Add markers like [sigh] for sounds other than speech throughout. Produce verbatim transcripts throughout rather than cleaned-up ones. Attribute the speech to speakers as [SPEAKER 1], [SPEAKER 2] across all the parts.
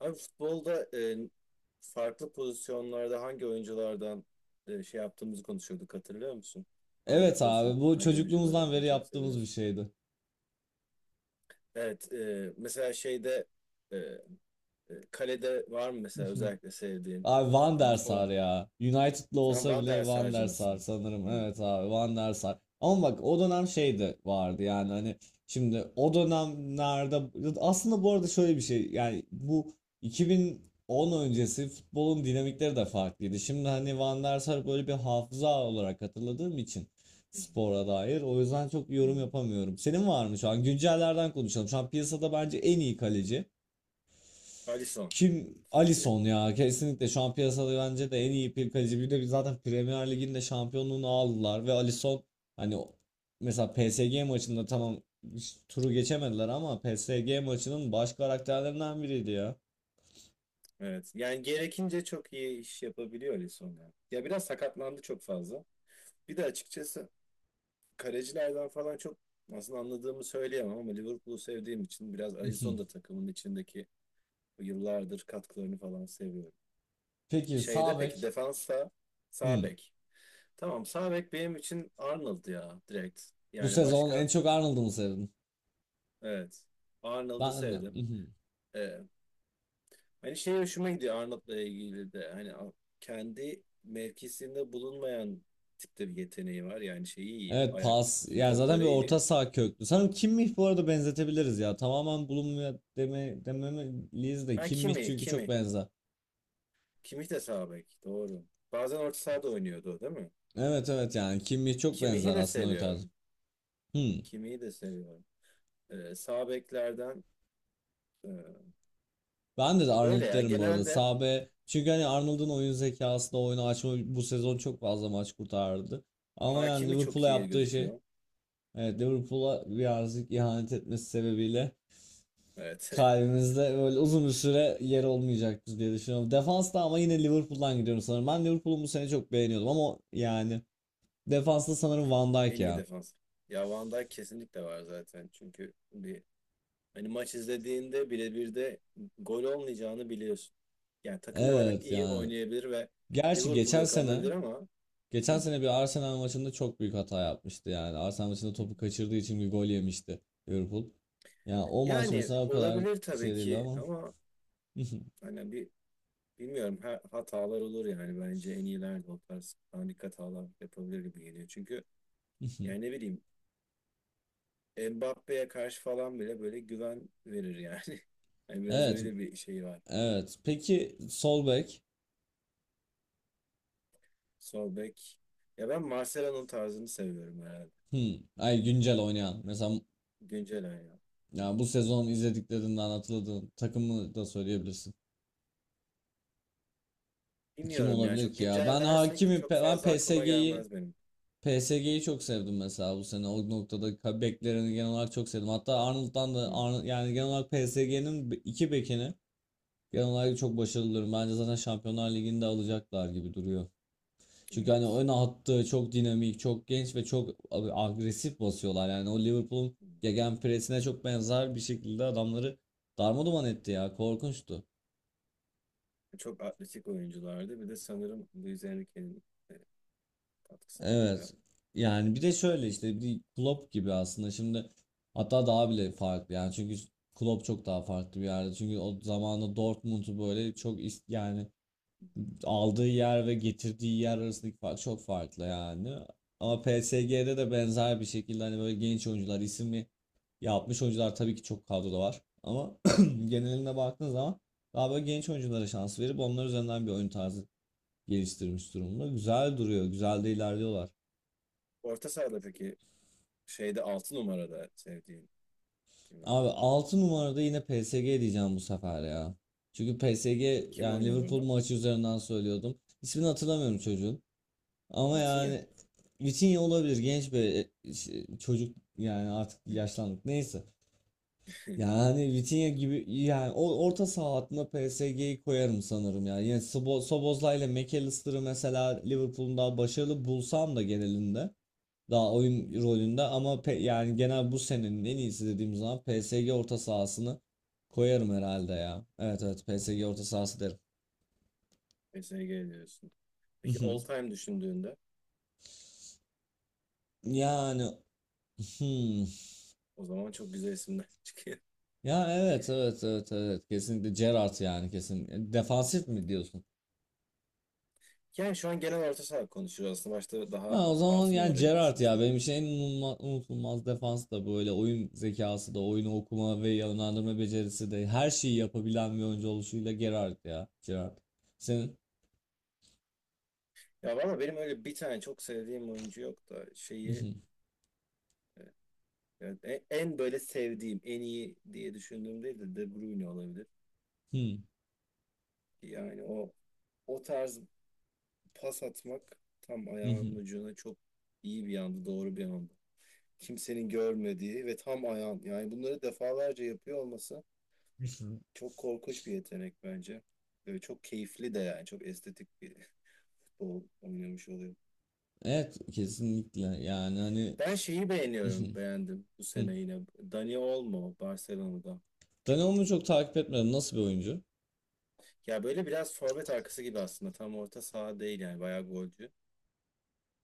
[SPEAKER 1] Abi futbolda e, farklı pozisyonlarda hangi oyunculardan e, şey yaptığımızı konuşuyorduk, hatırlıyor musun? Hangi
[SPEAKER 2] Evet abi bu
[SPEAKER 1] pozisyonlarda hangi oyuncuları
[SPEAKER 2] çocukluğumuzdan
[SPEAKER 1] en
[SPEAKER 2] beri
[SPEAKER 1] çok
[SPEAKER 2] yaptığımız bir
[SPEAKER 1] seviyorsun?
[SPEAKER 2] şeydi.
[SPEAKER 1] Evet, e, mesela şeyde e, e, kalede var mı mesela
[SPEAKER 2] [laughs]
[SPEAKER 1] özellikle sevdiğin?
[SPEAKER 2] Abi Van
[SPEAKER 1] Yani
[SPEAKER 2] der
[SPEAKER 1] bu
[SPEAKER 2] Sar
[SPEAKER 1] fon,
[SPEAKER 2] ya. United'lı
[SPEAKER 1] sen
[SPEAKER 2] olsa
[SPEAKER 1] Van
[SPEAKER 2] bile
[SPEAKER 1] der
[SPEAKER 2] Van
[SPEAKER 1] Sarcı
[SPEAKER 2] der Sar
[SPEAKER 1] mısın?
[SPEAKER 2] sanırım.
[SPEAKER 1] Hmm.
[SPEAKER 2] Evet abi Van der Sar. Ama bak o dönem şey de vardı yani hani şimdi o dönemlerde aslında bu arada şöyle bir şey yani bu iki bin on öncesi futbolun dinamikleri de farklıydı. Şimdi hani Van der Sar böyle bir hafıza olarak hatırladığım için
[SPEAKER 1] Hmm.
[SPEAKER 2] spora dair o yüzden çok yorum
[SPEAKER 1] Hmm.
[SPEAKER 2] yapamıyorum. Senin var mı şu an? Güncellerden konuşalım. Şu an piyasada bence en iyi kaleci.
[SPEAKER 1] Alisson.
[SPEAKER 2] Kim? Alisson ya. Kesinlikle şu an piyasada bence de en iyi bir kaleci. Bir de biz zaten Premier Lig'in de şampiyonluğunu aldılar ve Alisson hani o- mesela P S G maçında tamam hiç turu geçemediler ama P S G maçının baş karakterlerinden biriydi ya.
[SPEAKER 1] Evet. Yani gerekince çok iyi iş yapabiliyor Alisson, ya. Ya biraz sakatlandı çok fazla. Bir de açıkçası kalecilerden falan çok aslında anladığımı söyleyemem ama Liverpool'u sevdiğim için biraz Alisson da
[SPEAKER 2] [laughs]
[SPEAKER 1] takımın içindeki bu yıllardır katkılarını falan seviyorum.
[SPEAKER 2] Peki
[SPEAKER 1] Şeyde
[SPEAKER 2] sağ
[SPEAKER 1] peki,
[SPEAKER 2] bek.
[SPEAKER 1] defansta sağ
[SPEAKER 2] Hmm.
[SPEAKER 1] bek. Tamam, sağ bek benim için Arnold ya, direkt.
[SPEAKER 2] Bu
[SPEAKER 1] Yani
[SPEAKER 2] sezon en
[SPEAKER 1] başka,
[SPEAKER 2] çok Arnold'u mu sevdin?
[SPEAKER 1] evet, Arnold'u
[SPEAKER 2] Ben de.
[SPEAKER 1] sevdim.
[SPEAKER 2] Mhm.
[SPEAKER 1] Ee, hani şey hoşuma gidiyor Arnold'la ilgili de, hani a- kendi mevkisinde bulunmayan tipte bir yeteneği var. Yani şeyi iyi.
[SPEAKER 2] Evet
[SPEAKER 1] Ayak,
[SPEAKER 2] pas.
[SPEAKER 1] uzun
[SPEAKER 2] Yani zaten
[SPEAKER 1] topları
[SPEAKER 2] bir
[SPEAKER 1] iyi.
[SPEAKER 2] orta saha köklü. Sanırım Kimmich bu arada benzetebiliriz ya. Tamamen bulunmuyor deme, dememeliyiz de
[SPEAKER 1] Ha,
[SPEAKER 2] Kimmich
[SPEAKER 1] kimi
[SPEAKER 2] çünkü çok
[SPEAKER 1] kimi.
[SPEAKER 2] benzer.
[SPEAKER 1] Kimih de sağ bek. Doğru. Bazen orta sahada oynuyordu, o değil mi?
[SPEAKER 2] Evet evet yani Kimmich çok
[SPEAKER 1] Kimih'i
[SPEAKER 2] benzer
[SPEAKER 1] de
[SPEAKER 2] aslında oyun tarzı.
[SPEAKER 1] seviyorum.
[SPEAKER 2] Hmm.
[SPEAKER 1] Kimih'i de seviyorum. Ee, sağ beklerden, e,
[SPEAKER 2] Ben de, de
[SPEAKER 1] böyle
[SPEAKER 2] Arnold
[SPEAKER 1] ya
[SPEAKER 2] derim bu arada.
[SPEAKER 1] genelde
[SPEAKER 2] Sağ bek. Çünkü hani Arnold'un oyun zekasında oyunu açma bu sezon çok fazla maç kurtardı. Ama yani
[SPEAKER 1] Hakimi
[SPEAKER 2] Liverpool'a
[SPEAKER 1] çok iyi
[SPEAKER 2] yaptığı şey
[SPEAKER 1] gözüküyor.
[SPEAKER 2] evet Liverpool'a birazcık ihanet etmesi sebebiyle
[SPEAKER 1] Evet. [laughs]
[SPEAKER 2] kalbimizde böyle uzun bir süre yer olmayacaktır diye düşünüyorum. Defansta ama yine Liverpool'dan gidiyorum sanırım. Ben Liverpool'u bu sene çok beğeniyordum ama yani defansta sanırım Van Dijk
[SPEAKER 1] En iyi
[SPEAKER 2] ya.
[SPEAKER 1] defans. Ya, Van Dijk kesinlikle var zaten. Çünkü bir, hani maç izlediğinde birebir de gol olmayacağını biliyorsun. Yani takım olarak
[SPEAKER 2] Evet
[SPEAKER 1] iyi
[SPEAKER 2] yani.
[SPEAKER 1] oynayabilir ve
[SPEAKER 2] Gerçi
[SPEAKER 1] Liverpool
[SPEAKER 2] geçen sene
[SPEAKER 1] yakalanabilir ama.
[SPEAKER 2] Geçen
[SPEAKER 1] Hı,
[SPEAKER 2] sene bir Arsenal maçında çok büyük hata yapmıştı yani. Arsenal maçında
[SPEAKER 1] hı.
[SPEAKER 2] topu kaçırdığı için bir gol yemişti Liverpool. Yani o maç
[SPEAKER 1] Yani
[SPEAKER 2] mesela o kadar
[SPEAKER 1] olabilir tabii
[SPEAKER 2] şey değil
[SPEAKER 1] ki
[SPEAKER 2] ama.
[SPEAKER 1] ama
[SPEAKER 2] [laughs]
[SPEAKER 1] hani bir, bilmiyorum, ha- hatalar olur yani, bence en iyiler de o tarz panik hatalar yapabilir gibi geliyor. Çünkü yani ne bileyim, Mbappe'ye karşı falan bile böyle güven verir yani. [laughs] Yani biraz
[SPEAKER 2] Evet,
[SPEAKER 1] öyle bir şey var.
[SPEAKER 2] evet. Peki sol bek?
[SPEAKER 1] Sol bek. Ya ben Marcelo'nun tarzını seviyorum herhalde.
[SPEAKER 2] Hmm. Ay güncel oynayan. Mesela
[SPEAKER 1] Güncel ya.
[SPEAKER 2] ya bu sezon izlediklerinden hatırladığın takımı da söyleyebilirsin. Kim
[SPEAKER 1] Bilmiyorum ya,
[SPEAKER 2] olabilir
[SPEAKER 1] çok
[SPEAKER 2] ki ya?
[SPEAKER 1] güncel
[SPEAKER 2] Ben
[SPEAKER 1] dersek
[SPEAKER 2] Hakimi,
[SPEAKER 1] çok
[SPEAKER 2] ben
[SPEAKER 1] fazla aklıma
[SPEAKER 2] P S G'yi
[SPEAKER 1] gelmez benim.
[SPEAKER 2] P S G'yi çok sevdim mesela bu sene. O noktada ka- beklerini genel olarak çok sevdim. Hatta Arnold'dan da
[SPEAKER 1] Hı,
[SPEAKER 2] Arnold, yani genel olarak P S G'nin iki bekini genel olarak çok başarılıyorum. Bence zaten Şampiyonlar Ligi'ni de alacaklar gibi duruyor. Çünkü hani
[SPEAKER 1] evet.
[SPEAKER 2] ön hattı çok dinamik, çok genç ve çok ag- agresif basıyorlar. Yani o Liverpool'un
[SPEAKER 1] Hı.
[SPEAKER 2] gegenpressine çok benzer bir şekilde adamları darmaduman etti ya. Korkunçtu.
[SPEAKER 1] Çok atletik oyunculardı. Bir de sanırım Luis Enrique'nin e, katkısı var bayağı.
[SPEAKER 2] Evet. Yani bir de şöyle işte bir Klopp gibi aslında şimdi hatta daha bile farklı yani çünkü Klopp çok daha farklı bir yerde. Çünkü o zamanında Dortmund'u böyle çok is- yani aldığı yer ve getirdiği yer arasındaki fark çok farklı yani. Ama P S G'de de benzer bir şekilde hani böyle genç oyuncular isimli yapmış oyuncular tabii ki çok kadroda var. Ama [clears throat] geneline baktığın zaman daha böyle genç oyunculara şans verip onlar üzerinden bir oyun tarzı geliştirmiş durumda. Güzel duruyor, güzel de ilerliyorlar.
[SPEAKER 1] Orta sahada peki, şeyde altı numarada sevdiğin kim var?
[SPEAKER 2] Abi altı numarada yine P S G diyeceğim bu sefer ya. Çünkü P S G
[SPEAKER 1] Kim
[SPEAKER 2] yani
[SPEAKER 1] oynuyor
[SPEAKER 2] Liverpool
[SPEAKER 1] orada?
[SPEAKER 2] maçı üzerinden söylüyordum. İsmini hatırlamıyorum çocuğun. Ama
[SPEAKER 1] Vitinha.
[SPEAKER 2] yani Vitinha olabilir genç bir e, ş- çocuk yani artık
[SPEAKER 1] Hı.
[SPEAKER 2] yaşlandık neyse. Yani Vitinha gibi yani o orta saha hattına P S G'yi koyarım sanırım yani. Yani Sobo- Sobozla ile McAllister'ı mesela Liverpool'un daha başarılı bulsam da genelinde. Daha oyun rolünde ama pe- yani genel bu senenin en iyisi dediğim zaman P S G orta sahasını koyarım herhalde ya. Evet evet P S G orta sahası derim.
[SPEAKER 1] P S G diyorsun. Peki all
[SPEAKER 2] [laughs]
[SPEAKER 1] time düşündüğünde
[SPEAKER 2] Yani hmm.
[SPEAKER 1] o zaman çok güzel isimler [laughs] çıkıyor.
[SPEAKER 2] Ya evet evet evet evet kesinlikle Gerrard yani kesin. E, Defansif mi diyorsun?
[SPEAKER 1] Yani şu an genel orta saha konuşuyoruz aslında. Başta daha
[SPEAKER 2] Ha o zaman
[SPEAKER 1] altı
[SPEAKER 2] yani
[SPEAKER 1] numara gibi
[SPEAKER 2] Gerrard ya
[SPEAKER 1] düşünmüştüm ama.
[SPEAKER 2] benim için en unutulma- unutulmaz defans da böyle oyun zekası da oyunu okuma ve yönlendirme becerisi de her şeyi yapabilen bir oyuncu oluşuyla Gerrard ya Gerrard. Senin?
[SPEAKER 1] Ya valla, benim öyle bir tane çok sevdiğim oyuncu yok da, şeyi, yani en, en böyle sevdiğim, en iyi diye düşündüğüm değil de, De Bruyne olabilir. Yani o o tarz pas atmak, tam ayağının ucuna, çok iyi bir anda, doğru bir anda, kimsenin görmediği ve tam ayağın. Yani bunları defalarca yapıyor olması
[SPEAKER 2] [laughs]
[SPEAKER 1] çok korkunç bir yetenek bence. Ve çok keyifli de yani, çok estetik bir [laughs] futbol oynamış oluyor.
[SPEAKER 2] Evet kesinlikle yani hani
[SPEAKER 1] Ben şeyi beğeniyorum, beğendim bu sene
[SPEAKER 2] [laughs]
[SPEAKER 1] yine. Dani Olmo Barcelona'da.
[SPEAKER 2] Donnarumma çok takip etmedim nasıl bir oyuncu?
[SPEAKER 1] Ya böyle biraz forvet arkası gibi aslında. Tam orta saha değil yani, bayağı golcü.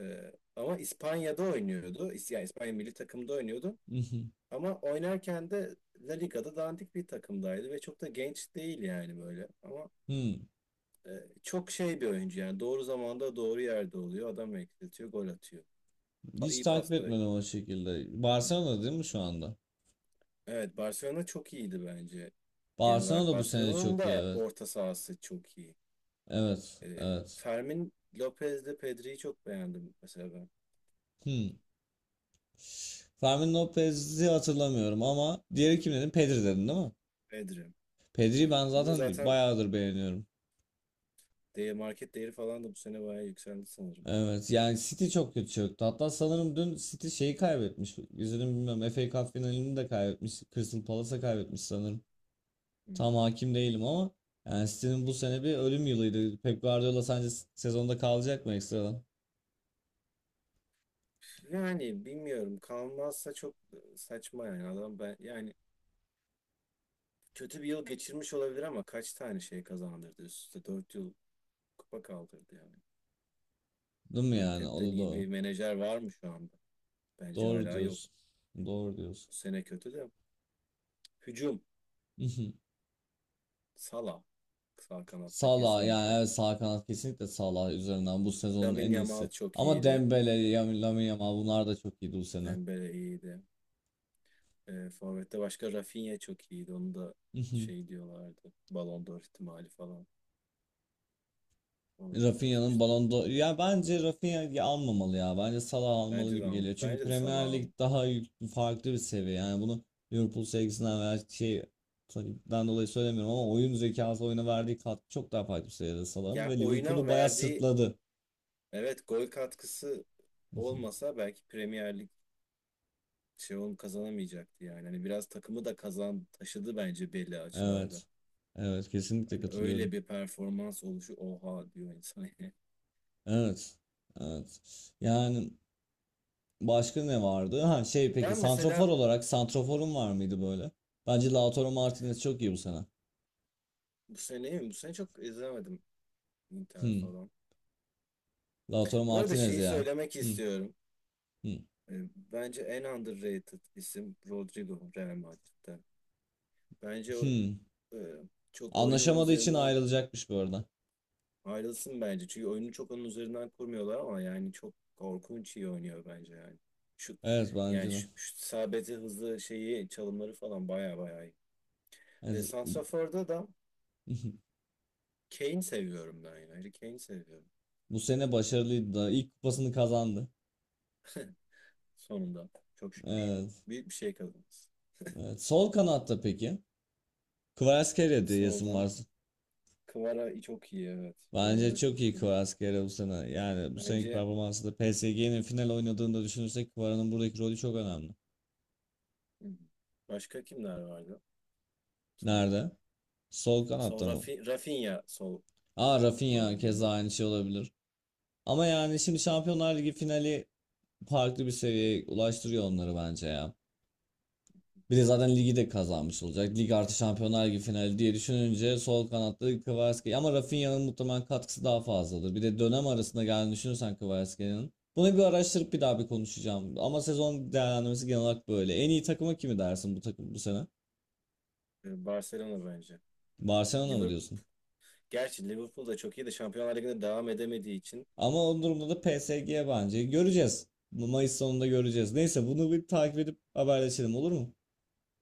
[SPEAKER 1] Ee, ama İspanya'da oynuyordu. İs- Yani İspanya milli takımda oynuyordu.
[SPEAKER 2] [laughs]
[SPEAKER 1] Ama oynarken de La Liga'da dandik bir takımdaydı ve çok da genç değil yani, böyle. Ama
[SPEAKER 2] Hmm,
[SPEAKER 1] E, çok şey bir oyuncu yani. Doğru zamanda doğru yerde oluyor. Adam eksiltiyor, gol atıyor. Pa
[SPEAKER 2] Hiç
[SPEAKER 1] iyi
[SPEAKER 2] takip
[SPEAKER 1] pasta
[SPEAKER 2] etmedim o şekilde. Barcelona değil mi şu anda?
[SPEAKER 1] Evet, Barcelona çok iyiydi bence. Genel
[SPEAKER 2] Barcelona
[SPEAKER 1] olarak
[SPEAKER 2] da bu sene
[SPEAKER 1] Barcelona'nın
[SPEAKER 2] çok iyi
[SPEAKER 1] da
[SPEAKER 2] evet.
[SPEAKER 1] orta sahası çok iyi.
[SPEAKER 2] Evet
[SPEAKER 1] E,
[SPEAKER 2] evet.
[SPEAKER 1] Fermin Lopez'le Pedri'yi çok beğendim mesela ben.
[SPEAKER 2] Hmm. Fermin Lopez'i hatırlamıyorum ama diğeri kim dedin? Pedri dedin değil mi?
[SPEAKER 1] Pedri.
[SPEAKER 2] Pedri'yi ben
[SPEAKER 1] Onu
[SPEAKER 2] zaten
[SPEAKER 1] zaten
[SPEAKER 2] bayağıdır beğeniyorum.
[SPEAKER 1] değer, market değeri falan da bu sene bayağı yükseldi sanırım.
[SPEAKER 2] Evet yani City çok kötü çöktü. Hatta sanırım dün City şeyi kaybetmiş. İzledim bilmiyorum. F A Cup finalini de kaybetmiş. Crystal Palace'a kaybetmiş sanırım.
[SPEAKER 1] Hı.
[SPEAKER 2] Tam hakim değilim ama yani City'nin bu sene bir ölüm yılıydı. Pep Guardiola sence s- sezonda kalacak mı ekstradan?
[SPEAKER 1] Yani bilmiyorum. Kalmazsa çok saçma yani, adam, ben yani kötü bir yıl geçirmiş olabilir ama kaç tane şey kazandırdı, üst üste dört yıl kupa kaldırdı yani.
[SPEAKER 2] Değil mi
[SPEAKER 1] Hani
[SPEAKER 2] yani? O
[SPEAKER 1] Pep'ten
[SPEAKER 2] da
[SPEAKER 1] iyi
[SPEAKER 2] doğru.
[SPEAKER 1] bir menajer var mı şu anda? Bence
[SPEAKER 2] Doğru
[SPEAKER 1] hala yok.
[SPEAKER 2] diyorsun. Doğru diyorsun.
[SPEAKER 1] Bu sene kötü de. Hücum.
[SPEAKER 2] [laughs]
[SPEAKER 1] Salah. Sağ kanatta
[SPEAKER 2] Salah yani
[SPEAKER 1] kesinlikle.
[SPEAKER 2] evet sağ kanat kesinlikle Salah üzerinden bu sezonun
[SPEAKER 1] Lamine
[SPEAKER 2] en
[SPEAKER 1] Yamal
[SPEAKER 2] iyisi.
[SPEAKER 1] çok
[SPEAKER 2] Ama
[SPEAKER 1] iyiydi.
[SPEAKER 2] Dembele, Yam- Lamine Yamal bunlar da çok iyiydi bu sene.
[SPEAKER 1] Dembele iyiydi. E, Forvet'te başka Rafinha çok iyiydi. Onu da
[SPEAKER 2] [laughs]
[SPEAKER 1] şey diyorlardı, Ballon d'Or ihtimali falan. Ona da
[SPEAKER 2] Rafinha'nın
[SPEAKER 1] kasmışlar.
[SPEAKER 2] Ballon d'Or ya bence Rafinha'yı almamalı ya. Bence Salah almalı
[SPEAKER 1] Bence de
[SPEAKER 2] gibi
[SPEAKER 1] alın.
[SPEAKER 2] geliyor. Çünkü
[SPEAKER 1] Bence de Salah
[SPEAKER 2] Premier Lig
[SPEAKER 1] alın.
[SPEAKER 2] daha yük- farklı bir seviye. Yani bunu Liverpool sevgisinden veya şey takımdan dolayı söylemiyorum ama oyun zekası oyuna verdiği katkı çok daha farklı bir seviyede Salah'ın
[SPEAKER 1] Ya
[SPEAKER 2] ve
[SPEAKER 1] oyuna
[SPEAKER 2] Liverpool'u bayağı
[SPEAKER 1] verdiği,
[SPEAKER 2] sırtladı.
[SPEAKER 1] evet, gol katkısı
[SPEAKER 2] [laughs]
[SPEAKER 1] olmasa belki Premier Lig şey kazanamayacaktı yani. Hani biraz takımı da kazan taşıdı bence belli açılarda.
[SPEAKER 2] Evet. Evet kesinlikle
[SPEAKER 1] Hani
[SPEAKER 2] katılıyorum.
[SPEAKER 1] öyle bir performans oluşu oha diyor insan yani. [laughs]
[SPEAKER 2] Evet. Evet. Yani başka ne vardı? Ha şey peki
[SPEAKER 1] Ben
[SPEAKER 2] santrafor
[SPEAKER 1] mesela,
[SPEAKER 2] olarak santraforun var mıydı böyle? Bence Lautaro Martinez çok iyi bu sene.
[SPEAKER 1] bu sene mi? Bu sene çok izlemedim, Inter
[SPEAKER 2] Hmm.
[SPEAKER 1] falan.
[SPEAKER 2] Lautaro
[SPEAKER 1] Bu arada
[SPEAKER 2] Martinez
[SPEAKER 1] şeyi
[SPEAKER 2] ya.
[SPEAKER 1] söylemek
[SPEAKER 2] Hı,
[SPEAKER 1] istiyorum.
[SPEAKER 2] hı,
[SPEAKER 1] E, Bence en underrated isim Rodrigo Real Madrid'de. Bence o,
[SPEAKER 2] hı.
[SPEAKER 1] e, çok oyunu onun
[SPEAKER 2] Anlaşamadığı için
[SPEAKER 1] üzerinden.
[SPEAKER 2] ayrılacakmış bu arada.
[SPEAKER 1] Ayrılsın bence. Çünkü oyunu çok onun üzerinden kurmuyorlar ama yani çok korkunç iyi oynuyor bence yani. Şu,
[SPEAKER 2] Evet
[SPEAKER 1] yani
[SPEAKER 2] bence de.
[SPEAKER 1] şu, şu sabeti hızlı, şeyi çalımları falan, baya baya iyi. E,
[SPEAKER 2] Evet.
[SPEAKER 1] Santrafor'da da
[SPEAKER 2] [laughs]
[SPEAKER 1] Kane seviyorum ben yani. Harry Kane seviyorum.
[SPEAKER 2] Bu sene başarılıydı da ilk kupasını kazandı.
[SPEAKER 1] Sonunda. Çok şükür.
[SPEAKER 2] Evet.
[SPEAKER 1] Büyük bir şey kazanırız.
[SPEAKER 2] Evet. Sol kanatta peki? Kvaratskhelia diyesin
[SPEAKER 1] Solda.
[SPEAKER 2] varsa.
[SPEAKER 1] Kvara çok iyi, evet.
[SPEAKER 2] Bence
[SPEAKER 1] Kvara çok
[SPEAKER 2] çok iyi
[SPEAKER 1] iyi.
[SPEAKER 2] Kvaratskhelia bu sene. Yani bu seneki
[SPEAKER 1] Bence
[SPEAKER 2] performansı da P S G'nin final oynadığında düşünürsek Kvara'nın buradaki rolü çok önemli.
[SPEAKER 1] hmm, başka kimler vardı? Solda.
[SPEAKER 2] Nerede? Sol
[SPEAKER 1] Sol
[SPEAKER 2] kanatta mı?
[SPEAKER 1] Rafi, Rafinha solda
[SPEAKER 2] Aa Rafinha keza
[SPEAKER 1] oynuyor.
[SPEAKER 2] aynı şey olabilir. Ama yani şimdi Şampiyonlar Ligi finali farklı bir seviyeye ulaştırıyor onları bence ya. Bir de zaten ligi de kazanmış olacak. Lig artı Şampiyonlar Ligi finali diye düşününce sol kanatta Kvaratskhelia ama Rafinha'nın muhtemelen katkısı daha fazladır. Bir de dönem arasında geldiğini düşünürsen Kvaratskheლიa'nın. Bunu bir araştırıp bir daha bir konuşacağım. Ama sezon değerlendirmesi genel olarak böyle. En iyi takıma kimi dersin bu takım bu sene?
[SPEAKER 1] E, Barcelona bence.
[SPEAKER 2] Barcelona mı
[SPEAKER 1] Liverpool
[SPEAKER 2] diyorsun?
[SPEAKER 1] Gerçi Liverpool da çok iyi de, Şampiyonlar Ligi'nde devam edemediği için.
[SPEAKER 2] Ama o durumda da P S G bence. Göreceğiz. Mayıs sonunda göreceğiz. Neyse bunu bir takip edip haberleşelim olur mu?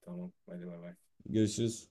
[SPEAKER 1] Tamam, hadi bay bay.
[SPEAKER 2] Görüşürüz.